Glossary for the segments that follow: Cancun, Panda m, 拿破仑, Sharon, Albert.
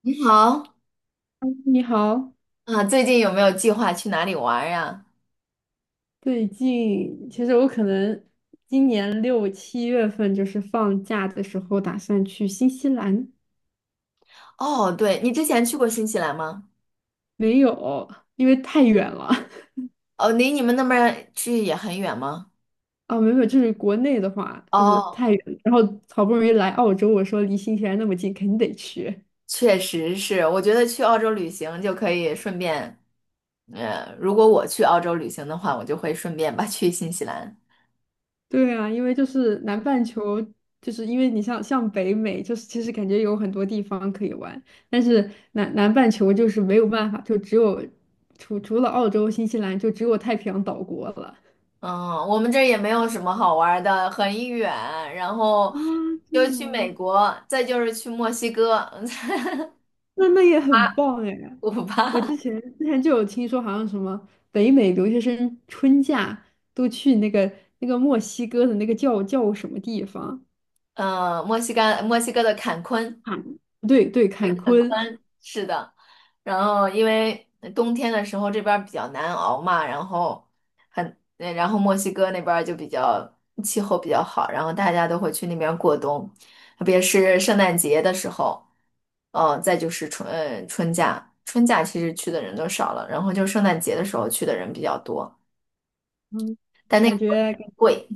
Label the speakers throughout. Speaker 1: 你好。
Speaker 2: 你好，
Speaker 1: 啊，最近有没有计划去哪里玩儿呀？
Speaker 2: 最近其实我可能今年6、7月份就是放假的时候，打算去新西兰。
Speaker 1: 哦，对，你之前去过新西兰吗？
Speaker 2: 没有，因为太远了。
Speaker 1: 哦，离你们那边儿去也很远吗？
Speaker 2: 啊，没有，就是国内的话就是
Speaker 1: 哦，
Speaker 2: 太远了，然后好不容易来澳洲，我说离新西兰那么近，肯定得去。
Speaker 1: 确实是，我觉得去澳洲旅行就可以顺便，如果我去澳洲旅行的话，我就会顺便吧去新西兰。
Speaker 2: 对啊，因为就是南半球，就是因为你像北美，就是其实感觉有很多地方可以玩，但是南半球就是没有办法，就只有除了澳洲、新西兰，就只有太平洋岛国了。
Speaker 1: 嗯，我们这儿也没有什么好玩儿的，很远，然后
Speaker 2: 啊，真
Speaker 1: 就
Speaker 2: 的
Speaker 1: 去美
Speaker 2: 吗？
Speaker 1: 国，再就是去墨西哥，啊
Speaker 2: 那也很棒哎！
Speaker 1: 古
Speaker 2: 我之
Speaker 1: 巴。
Speaker 2: 前之前就有听说，好像什么北美留学生春假都去那个墨西哥的那个叫什么地方？
Speaker 1: 嗯，墨西哥，墨西哥的坎昆。
Speaker 2: 坎，对对，坎
Speaker 1: 对，很
Speaker 2: 昆。
Speaker 1: 宽，是的。然后因为冬天的时候这边儿比较难熬嘛，然后很，然后墨西哥那边儿就比较气候比较好，然后大家都会去那边过冬，特别是圣诞节的时候，哦，再就是春假其实去的人都少了，然后就圣诞节的时候去的人比较多，
Speaker 2: 嗯，那
Speaker 1: 但那个
Speaker 2: 感
Speaker 1: 时候
Speaker 2: 觉
Speaker 1: 贵。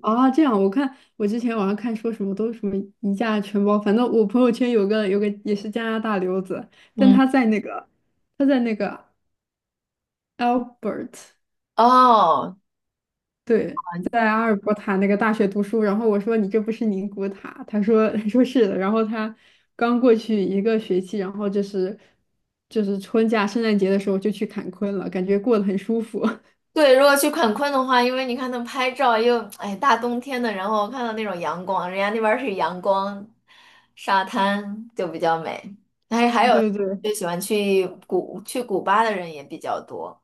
Speaker 2: 啊，这样，我看我之前网上看说什么都是什么一价全包，反正我朋友圈有个也是加拿大留子，但
Speaker 1: 嗯。
Speaker 2: 他在那个 Albert。
Speaker 1: 哦。
Speaker 2: 对，在阿尔伯塔那个大学读书，然后我说你这不是宁古塔，他说 他说是的。然后他刚过去一个学期，然后就是春假圣诞节的时候就去坎昆了，感觉过得很舒服。
Speaker 1: 对，如果去坎昆的话，因为你看他们拍照又，哎，大冬天的，然后看到那种阳光，人家那边儿是阳光沙滩，就比较美。还有
Speaker 2: 对对。
Speaker 1: 就喜欢去古巴的人也比较多。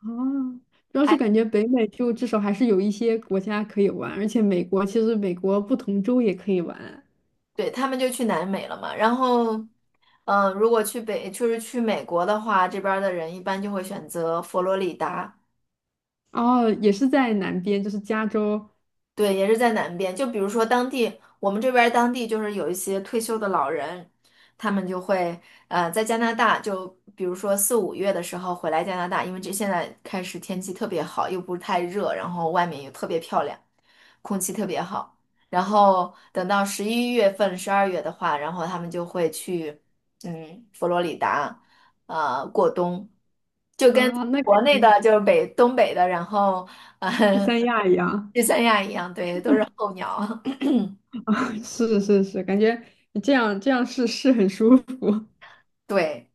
Speaker 2: 哦，主要是感
Speaker 1: 还
Speaker 2: 觉北美就至少还是有一些国家可以玩，而且美国，其实美国不同州也可以玩。
Speaker 1: 对他们就去南美了嘛。然后，如果就是去美国的话，这边儿的人一般就会选择佛罗里达。
Speaker 2: 哦，也是在南边，就是加州。
Speaker 1: 对，也是在南边。就比如说我们这边儿当地就是有一些退休的老人，他们就会在加拿大，就比如说4、5月的时候回来加拿大，因为这现在开始天气特别好，又不是太热，然后外面又特别漂亮，空气特别好。然后等到11月份、12月的话，然后他们就会去佛罗里达，过冬，就跟
Speaker 2: 啊，那感
Speaker 1: 国内的
Speaker 2: 觉
Speaker 1: 就是东北的，然后。呃
Speaker 2: 去 三亚一样。
Speaker 1: 去三亚一样，对，都是候鸟。
Speaker 2: 是是是，感觉这样是很舒服。
Speaker 1: 对，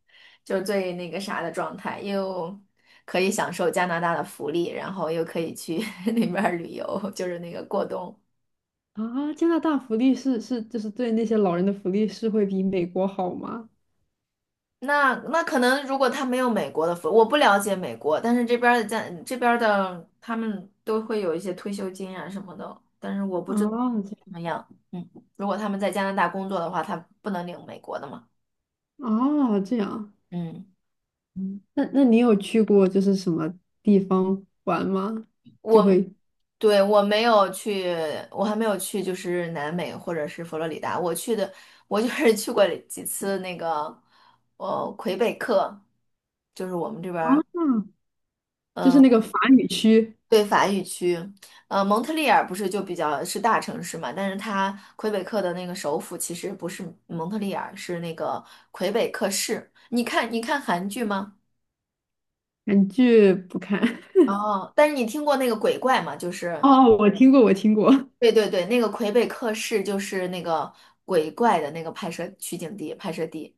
Speaker 1: 就是最那个啥的状态，又可以享受加拿大的福利，然后又可以去 那边儿旅游，就是那个过冬。
Speaker 2: 啊，加拿大福利是就是对那些老人的福利是会比美国好吗？
Speaker 1: 那可能如果他没有美国的福，我不了解美国，但是这边儿的他们都会有一些退休金啊什么的，但是我不知道
Speaker 2: 哦，这
Speaker 1: 怎么
Speaker 2: 样。
Speaker 1: 样。嗯，如果他们在加拿大工作的话，他不能领美国的嘛。
Speaker 2: 哦，这样。
Speaker 1: 嗯。
Speaker 2: 嗯，那你有去过就是什么地方玩吗？就
Speaker 1: 我。
Speaker 2: 会。
Speaker 1: 对，我没有去，我还没有去，就是南美或者是佛罗里达。我就是去过几次那个，魁北克，就是我们这边儿
Speaker 2: 啊。就是那个法语区。
Speaker 1: 对法语区。蒙特利尔不是就比较是大城市嘛，但是它魁北克的那个首府其实不是蒙特利尔，是那个魁北克市。你看，韩剧吗？
Speaker 2: 韩剧不看。
Speaker 1: 哦，但是你听过那个鬼怪吗？就是。
Speaker 2: 哦，我听过，我听过。
Speaker 1: 对对对，那个魁北克市就是那个鬼怪的那个拍摄取景地、拍摄地。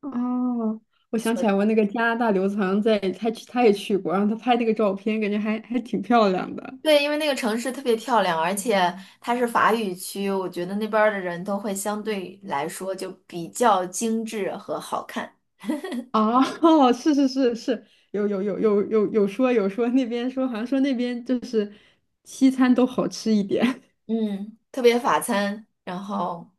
Speaker 2: 哦，我想起
Speaker 1: 所
Speaker 2: 来，我那个加拿大留子好像在，他去，他也去过，然后他拍那个照片，感觉还挺漂亮的。
Speaker 1: 对，因为那个城市特别漂亮，而且它是法语区，我觉得那边儿的人都会相对来说就比较精致和好看。
Speaker 2: 哦，是是是是，有说那边说，好像说那边就是西餐都好吃一点。
Speaker 1: 嗯，特别法餐，然后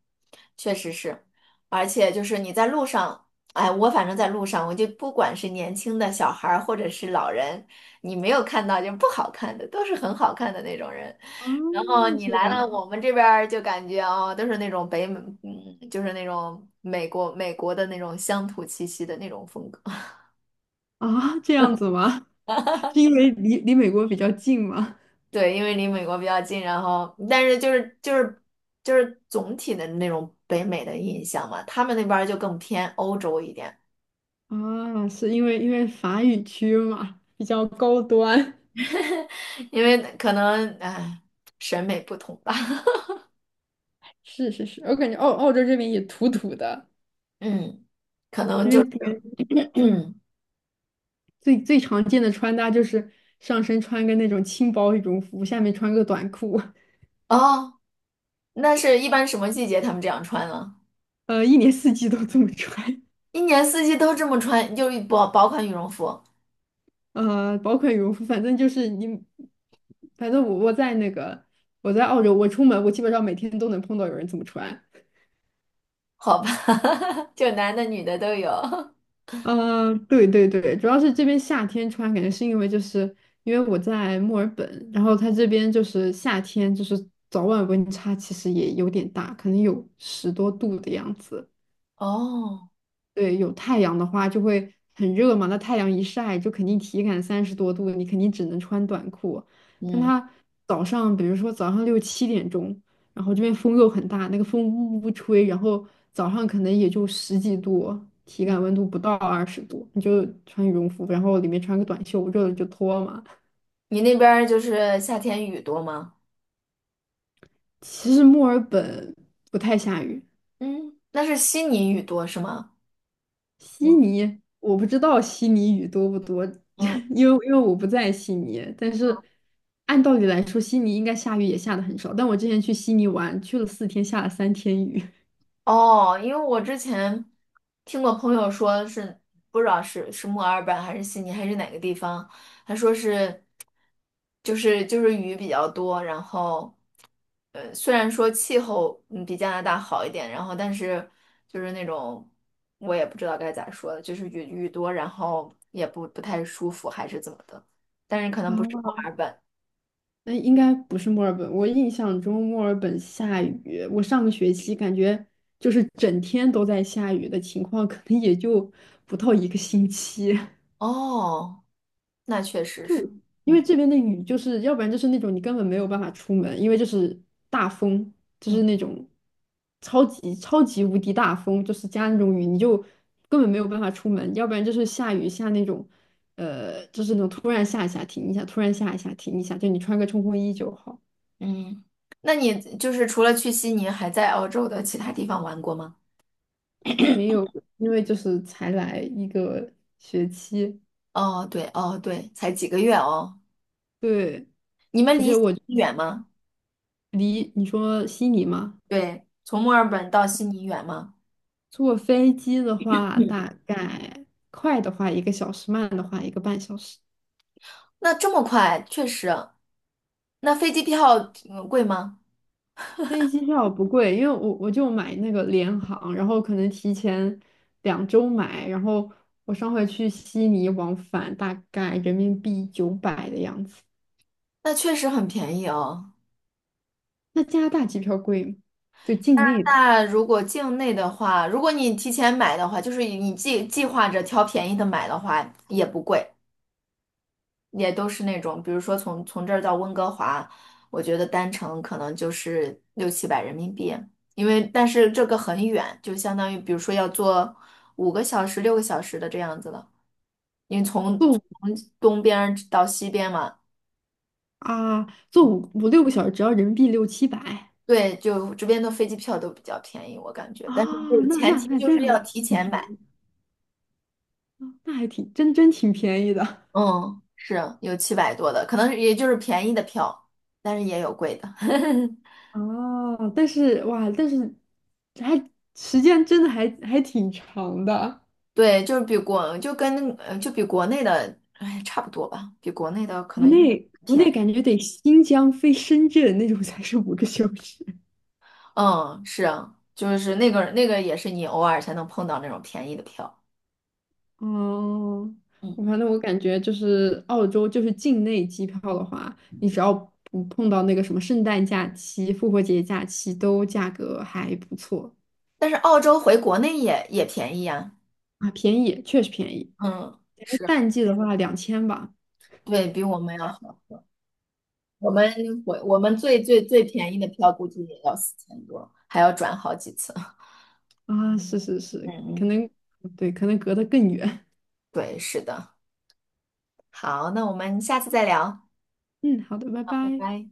Speaker 1: 确实是，而且就是你在路上，哎，我反正在路上，我就不管是年轻的小孩儿或者是老人，你没有看到就不好看的，都是很好看的那种人。
Speaker 2: 哦，
Speaker 1: 然后你
Speaker 2: 这
Speaker 1: 来了，
Speaker 2: 样
Speaker 1: 我们这边儿就感觉哦，都是那种北美，就是那种美国的那种乡土气息的那种风格。
Speaker 2: 啊，这样子吗？是因为离美国比较近吗？
Speaker 1: 对，因为离美国比较近，然后但是就是总体的那种北美的印象嘛，他们那边儿就更偏欧洲一点，
Speaker 2: 啊，是因为法语区嘛，比较高端。
Speaker 1: 因为可能哎审美不同吧。
Speaker 2: 是是是，我感觉澳洲这边也土土的，
Speaker 1: 嗯，可能
Speaker 2: 因
Speaker 1: 就
Speaker 2: 为
Speaker 1: 是。
Speaker 2: 这边 最最常见的穿搭就是上身穿个那种轻薄羽绒服，下面穿个短裤。
Speaker 1: 哦，那是一般什么季节他们这样穿呢？
Speaker 2: 一年四季都这么穿。
Speaker 1: 一年四季都这么穿，就是薄薄款羽绒服。
Speaker 2: 薄款羽绒服，反正就是你，反正我在澳洲，我出门我基本上每天都能碰到有人这么穿。
Speaker 1: 好吧。就男的女的都有。
Speaker 2: 对对对，主要是这边夏天穿，感觉是因为就是因为我在墨尔本，然后它这边就是夏天就是早晚温差其实也有点大，可能有十多度的样子。
Speaker 1: 哦，
Speaker 2: 对，有太阳的话就会很热嘛，那太阳一晒就肯定体感30多度，你肯定只能穿短裤。但
Speaker 1: 嗯，
Speaker 2: 它早上，比如说早上6、7点钟，然后这边风又很大，那个风呜呜吹，然后早上可能也就10几度，体感
Speaker 1: 嗯
Speaker 2: 温度不到20度，你就穿羽绒服，然后里面穿个短袖，热了就脱嘛。
Speaker 1: 你那边儿就是夏天雨多吗？
Speaker 2: 其实墨尔本不太下雨。
Speaker 1: 嗯，那是悉尼雨多是吗？
Speaker 2: 悉
Speaker 1: 嗯
Speaker 2: 尼，我不知道悉尼雨多不多。
Speaker 1: 嗯
Speaker 2: 因为我不在悉尼。但是按道理来说，悉尼应该下雨也下的很少。但我之前去悉尼玩，去了4天，下了3天雨。
Speaker 1: 哦，因为我之前听过朋友说是不知道是墨尔本还是悉尼还是哪个地方，他说是就是雨比较多，然后虽然说气候比加拿大好一点，然后但是就是那种我也不知道该咋说了，就是雨多，然后也不太舒服还是怎么的，但是可能不是墨
Speaker 2: 啊，
Speaker 1: 尔本
Speaker 2: 那应该不是墨尔本，我印象中墨尔本下雨，我上个学期感觉就是整天都在下雨的情况，可能也就不到一个星期。
Speaker 1: 哦，那确实
Speaker 2: 就
Speaker 1: 是，
Speaker 2: 因为
Speaker 1: 嗯
Speaker 2: 这边的雨，就是要不然就是那种你根本没有办法出门，因为就是大风，就是
Speaker 1: 嗯。
Speaker 2: 那种超级超级无敌大风，就是加那种雨，你就根本没有办法出门；要不然就是下雨下那种，就是那种突然下一下停一下，突然下一下停一下，就你穿个冲锋衣就好。
Speaker 1: 嗯，那你就是除了去悉尼，还在澳洲的其他地方玩过吗？
Speaker 2: 没有，因为就是才来一个学期。
Speaker 1: 哦，对，哦，对，才几个月哦。
Speaker 2: 对，
Speaker 1: 你们
Speaker 2: 而
Speaker 1: 离
Speaker 2: 且
Speaker 1: 悉
Speaker 2: 我
Speaker 1: 尼远吗？
Speaker 2: 离你说悉尼吗？
Speaker 1: 对，从墨尔本到悉尼远吗？
Speaker 2: 坐飞机的话，
Speaker 1: 嗯，
Speaker 2: 大概快的话一个小时，慢的话一个半小时。
Speaker 1: 那这么快，确实。那飞机票贵吗？
Speaker 2: 飞机票不贵，因为我就买那个联航，然后可能提前2周买，然后我上回去悉尼往返大概人民币900的样子。
Speaker 1: 那确实很便宜哦。
Speaker 2: 那加拿大机票贵吗？就境内的。
Speaker 1: 那如果境内的话，如果你提前买的话，就是你计划着挑便宜的买的话，也不贵。也都是那种，比如说从这儿到温哥华，我觉得单程可能就是6、700人民币，因为但是这个很远，就相当于比如说要坐5个小时、6个小时的这样子了，因为从
Speaker 2: 坐
Speaker 1: 从
Speaker 2: 五
Speaker 1: 东边儿到西边嘛，
Speaker 2: 啊，坐
Speaker 1: 嗯
Speaker 2: 五六个小时只要人民币6、700。
Speaker 1: 对，就这边的飞机票都比较便宜，我感觉，但是这
Speaker 2: 啊，
Speaker 1: 个
Speaker 2: 那
Speaker 1: 前
Speaker 2: 那
Speaker 1: 提
Speaker 2: 那
Speaker 1: 就是
Speaker 2: 真还
Speaker 1: 要
Speaker 2: 挺
Speaker 1: 提前
Speaker 2: 便
Speaker 1: 买，
Speaker 2: 宜，那还挺真真挺便宜的。
Speaker 1: 嗯，是有700多的，可能也就是便宜的票，但是也有贵的。
Speaker 2: 哦，但是哇，还时间真的还挺长的。
Speaker 1: 对，就是比国就跟呃就比国内的哎差不多吧，比国内的可
Speaker 2: 国
Speaker 1: 能
Speaker 2: 内国
Speaker 1: 便
Speaker 2: 内
Speaker 1: 宜。
Speaker 2: 感觉得新疆飞深圳那种才是5个小时。
Speaker 1: 嗯，是啊，就是那个也是你偶尔才能碰到那种便宜的票。
Speaker 2: 哦，
Speaker 1: 嗯，
Speaker 2: 我反正我感觉就是澳洲就是境内机票的话，你只要不碰到那个什么圣诞假期、复活节假期，都价格还不错。
Speaker 1: 但是澳洲回国内也便宜呀。
Speaker 2: 啊，便宜，确实便宜。
Speaker 1: 嗯，
Speaker 2: 然后
Speaker 1: 是啊
Speaker 2: 淡季的话2000吧。
Speaker 1: 对，比我们要好。我们我们最便宜的票估计也要4000多，还要转好几次。
Speaker 2: 啊，是是
Speaker 1: 嗯
Speaker 2: 是，可
Speaker 1: 嗯，
Speaker 2: 能对，可能隔得更远。
Speaker 1: 对，是的。好，那我们下次再聊，
Speaker 2: 嗯，好的，拜
Speaker 1: 拜
Speaker 2: 拜。
Speaker 1: 拜。